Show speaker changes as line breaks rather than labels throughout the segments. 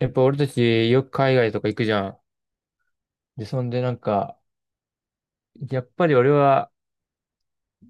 やっぱ俺たちよく海外とか行くじゃん。で、そんでなんか、やっぱり俺は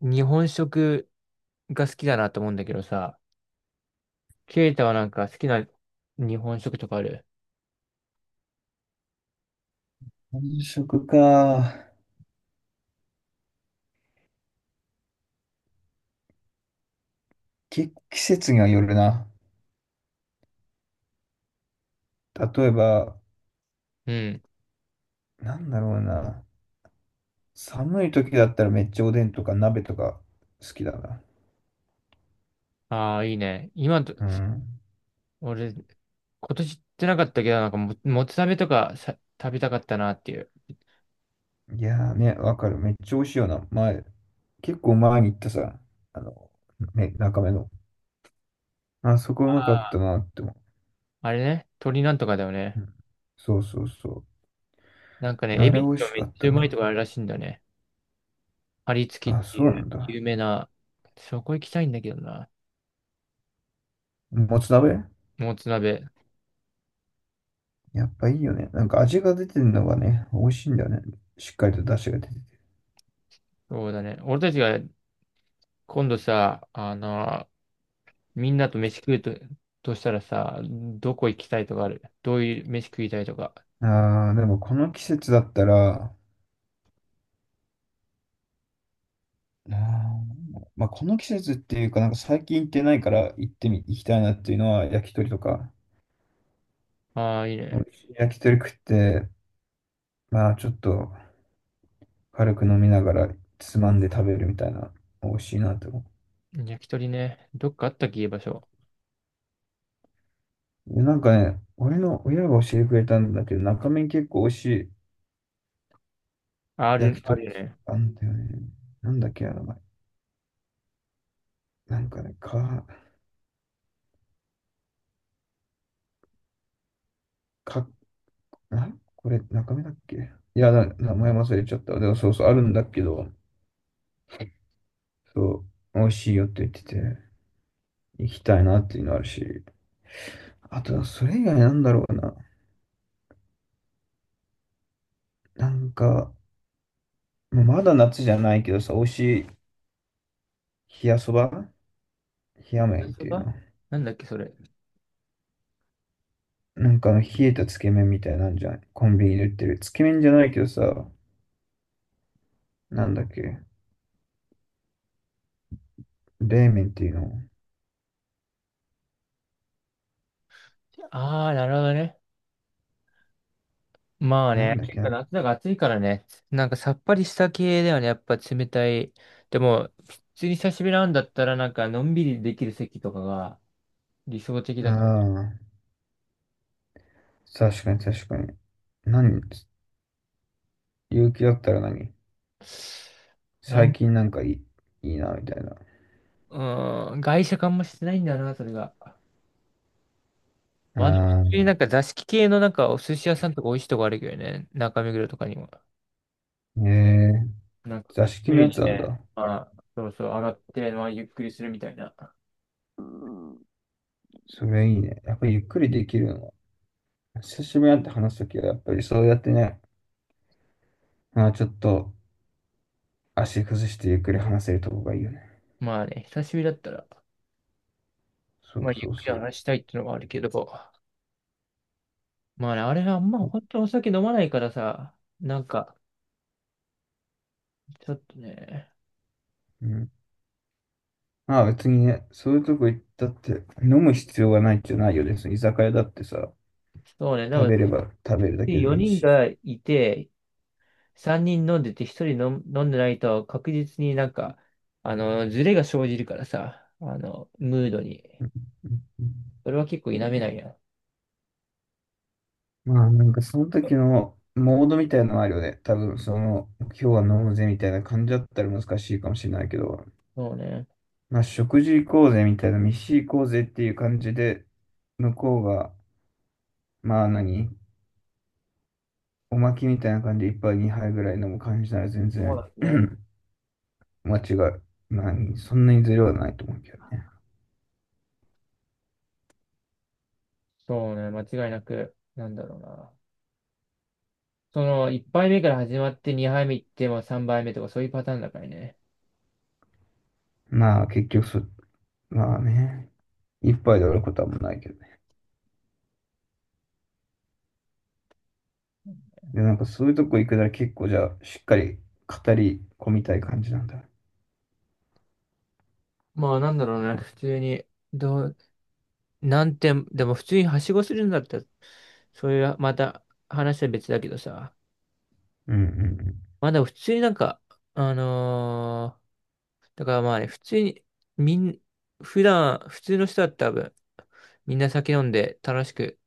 日本食が好きだなと思うんだけどさ、ケイタはなんか好きな日本食とかある？
本食か。季節にはよるな。例えば、
うん。
なんだろうな。寒い時だったらめっちゃおでんとか鍋とか好きだな。
ああ、いいね。今と、
うん。
俺、今年行ってなかったけど、もつ鍋とかさ、食べたかったなっていう。
いやーね、わかる。めっちゃ美味しいよな。前、結構前に行ったさ、あの、ね、中目の。あそこうまかっ
あ
た
あ。
なって思
あれね、鶏なんとかだよね。
う。うん。そうそうそ
なんか
う。
ね、エ
あれ
ビ
美
っ
味
て
し
め
か
っ
っ
ち
た
ゃうまいと
な。
こあるらしいんだよね。張り付きっ
あ、
て
そう
い
な
う
んだ。
有名な、そこ行きたいんだけどな。
もつ鍋
もつ鍋。
やっぱいいよね。なんか味が出てるのがね、美味しいんだよね。しっかりと出汁が出てて。
そうだね。俺たちが今度さ、みんなと飯食うと、としたらさ、どこ行きたいとかある？どういう飯食いたいとか。
ああ、でもこの季節だったら、あーまあ、この季節っていうか、なんか最近行ってないから行きたいなっていうのは焼き鳥とか、
ああ、いい
美
ね。
味しい焼き鳥食って、まあちょっと軽く飲みながらつまんで食べるみたいな、美味しいなって思
焼き鳥ね。どっかあったっけ、いい場所。
う。でなんかね、俺の親が教えてくれたんだけど、中身結構美味しい
あ
焼
る、
き
あ
鳥
る
屋
よね。
さんあんだよね。なんだっけ、あの前。なんかね、か、なこれ中身だっけ。いや、名前忘れちゃった。でもそうそう、あるんだけど、そう、美味しいよって言ってて、行きたいなっていうのあるし、あと、それ以外なんだろうな。なんか、もうまだ夏じゃないけどさ、美味しい冷やそば冷や
焼
麺っ
きそ
ていうの。
ば、なんだっけ、それ。
なんかあの冷えたつけ麺みたいなんじゃん。コンビニで売ってる。つけ麺じゃないけどさ、なんだっけ、冷麺っていうの。
ああ、なるほどね。まあ
なん
ね、
だっ
結
けあ
構
あ
夏だから暑いからね、なんかさっぱりした系だよね、やっぱ冷たい。でも、普通に久しぶりなんだったら、なんかのんびりできる席とかが理想的だけど。
ー、確かに確かに。何勇気だったら何
な
最
ん、
近なんかいいな、みたいな。
うーん、外食あんましてないんだよな、それが。まあでも、普
あ
通にな
あ、
んか座敷系のなんかお寿司屋さんとか美味しいとこあるけどね、中目黒とかにも。
ええ、
なんか、
座
くつ
敷
脱
のや
い
つな
で
んだ。
ね、まあ、そうそう、上がって、まあ、ゆっくりするみたいな。
うん。それいいね。やっぱりゆっくりできるのは。久しぶりに会って話すときは、やっぱりそうやってね、まあ、ちょっと足崩してゆっくり話せるとこがいいよね。
まあね、久しぶりだったら、
そう
まあ、ゆ
そ
っ
う
くり
そ
話したいっていうのはあるけど。まあね、あれはまあんま
う。
本当お酒飲まないからさ、なんか、ちょっとね、
うん。まあ別にね、そういうとこ行ったって、飲む必要がないってないよね。その居酒屋だってさ、
そうね、で
食
も
べれば食べるだけでもいい
4人
し。
がいて、3人飲んでて1人飲ん飲んでないと確実になんか、あの、ズレが生じるからさ、あの、ムードに。
うんうんうん。
それは結構否めないや。
まあなんかその時のモードみたいなのあるよね。多分その、今日は飲むぜみたいな感じだったら難しいかもしれないけど、
そうね。
まあ、食事行こうぜみたいな、飯行こうぜっていう感じで、向こうが、まあ何、おまきみたいな感じで一杯二杯ぐらい飲む感じなら全
そう
然
だね。
間違い、まあ、そんなにずれはないと思うけどね。
そうね、間違いなく、なんだろうな。その、1杯目から始まって2杯目行っても3杯目とかそういうパターンだからね。
まあ結局そ、まあね、一杯で終わることはもうないけどね。で、なんかそういうとこ行くなら結構じゃあ、しっかり語り込みたい感じなんだ。
まあなんだろうね、普通に、どう、なんて、でも普通にはしごするんだったら、そういう、また話は別だけどさ、
うんうんうん。
まだ普通になんか、あのーだからまあね、普通に、みん、普段、普通の人だったら多分、みんな酒飲んで楽しく、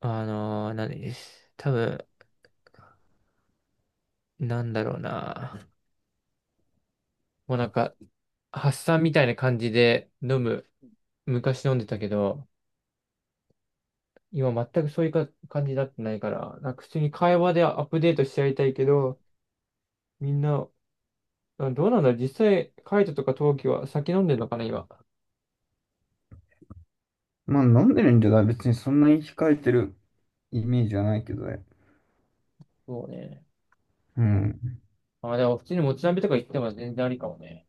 何です。多分、なんだろうな。もうなんか、発散みたいな感じで飲む、昔飲んでたけど、今全くそういうか感じになってないから、なんか普通に会話でアップデートしちゃいたいけど、みんな、うん、どうなんだろう実際、カイトとか陶器は酒飲んでるのかな、今。
まあ飲んでるんじゃない別にそんなに控えてるイメージはないけどね。
そうね。
うん。
あ、でも普通にもつ鍋とか行っても全然ありかもね。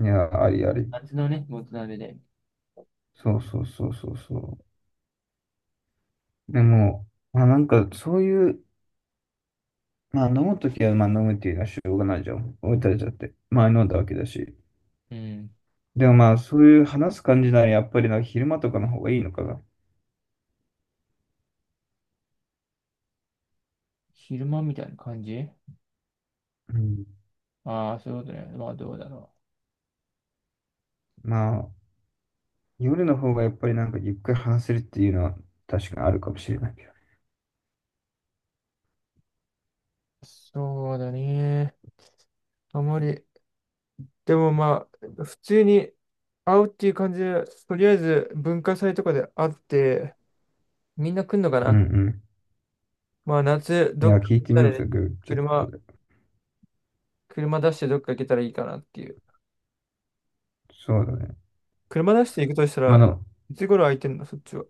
いや、ありあり。
夏のね、もつ鍋で。
そうそうそうそうそう。でも、まあなんかそういう、まあ飲むときはまあ飲むっていうのはしょうがないじゃん。置いてあるゃって。まあ飲んだわけだし。
うん。
でもまあそういう話す感じならやっぱりなんか昼間とかの方がいいのかな。
昼間みたいな感じ？
うん。
ああー、そういうことね。まあどうだろ
まあ夜の方がやっぱりなんかゆっくり話せるっていうのは確かにあるかもしれないけど。
う、そうだね。あまり。でもまあ、普通に会うっていう感じで、とりあえず文化祭とかで会って、みんな来んのか
うん
な？
う
まあ夏、
ん。い
どっ
や、
か
聞い
行っ
て
た
みよ
り
う
ね、
ぜ、グーチャット
車、
で。
車出してどっか行けたらいいかなっていう。
そうだね。
車出して行くとした
まああ
ら、
の、
いつ頃空いてんの、そっちは？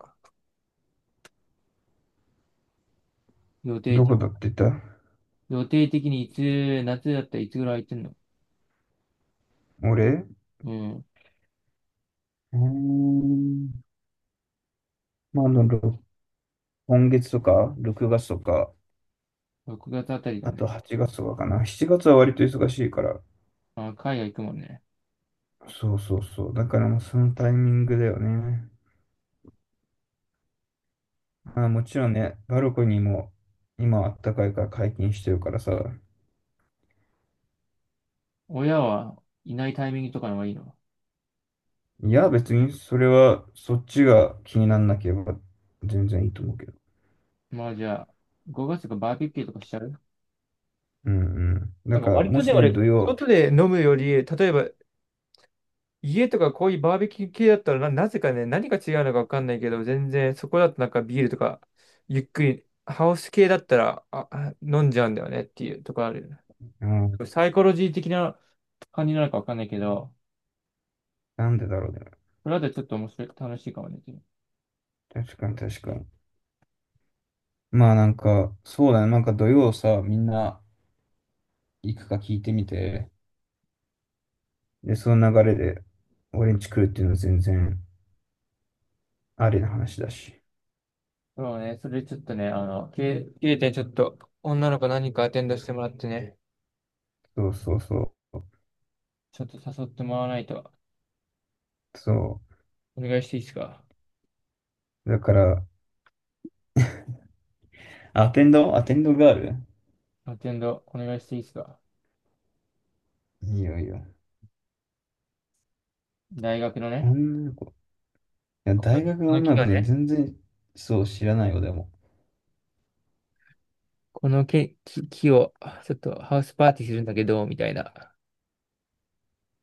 予定
ど
的、
こだって言った。
予定的にいつ、夏だったらいつぐらい空いてんの？
俺
うん。
うーん。まああの、今月とか、6月とか、
6月あたりだ
あと
ね。
8月はちがつとかかな。7月は割と忙しいから。
あ、海外行くもんね。
そうそうそう。だからもうそのタイミングだよね。まあもちろんね、バルコニーも今あったかいから解禁してるからさ。
親はいないタイミングとかの方がいいの？
いや、別にそれはそっちが気にならなければ全然いいと思うけど。
まあじゃあ、5月とかバーベキューとかしちゃう？
うんうん。
な
だ
んか
から
割
も
とね、
しね、
俺、
土曜、
外で飲むより、例えば家とかこういうバーベキュー系だったらな、なぜかね、何が違うのかわかんないけど、全然そこだとなんかビールとか、ゆっくり、ハウス系だったら、あ飲んじゃうんだよねっていうとこある？
うん、
サイコロジー的な感じなのかわかんないけど、
なんでだろうね。
これだとちょっと面白い、楽しいかもね。
確かに確かに。まあなんか、そうだね。なんか土曜さ、みんな行くか聞いてみて。で、その流れで俺んち来るっていうのは全然。ありな話だし。
そうね、それちょっとね、あの、経経点ちょっと、女の子何人かアテンドしてもらってね、
そうそうそう。
ちょっと誘ってもらわないと、
そ
お願いしていいですか？
う。だから、アテンド、アテンドガール、
アテンド、お願いしていいですか？
いいよいいよ。
大学のね、
女の子。いや、
この
大学
こ
の
の木
女の子
がね、
全然そう知らないよ、でも。
この木を、ちょっとハウスパーティーするんだけど、みたいな。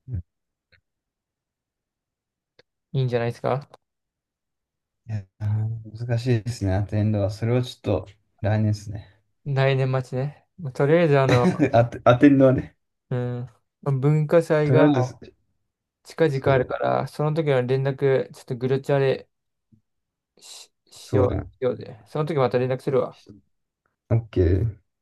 うん。
いいんじゃないですか？
いや、難しいですね、アテンドは。それはちょっと来年ですね。
来年末ね。まあとりあえず、あの、
アテンドはね。
うん、文化祭
とりあ
が
えず、
近
そ
々ある
う、
から、その時の連絡、ちょっとグループチャレ、し、し
そ
よ
うだ
う、
よ。
しようぜ。その時また連絡するわ。
オッケー。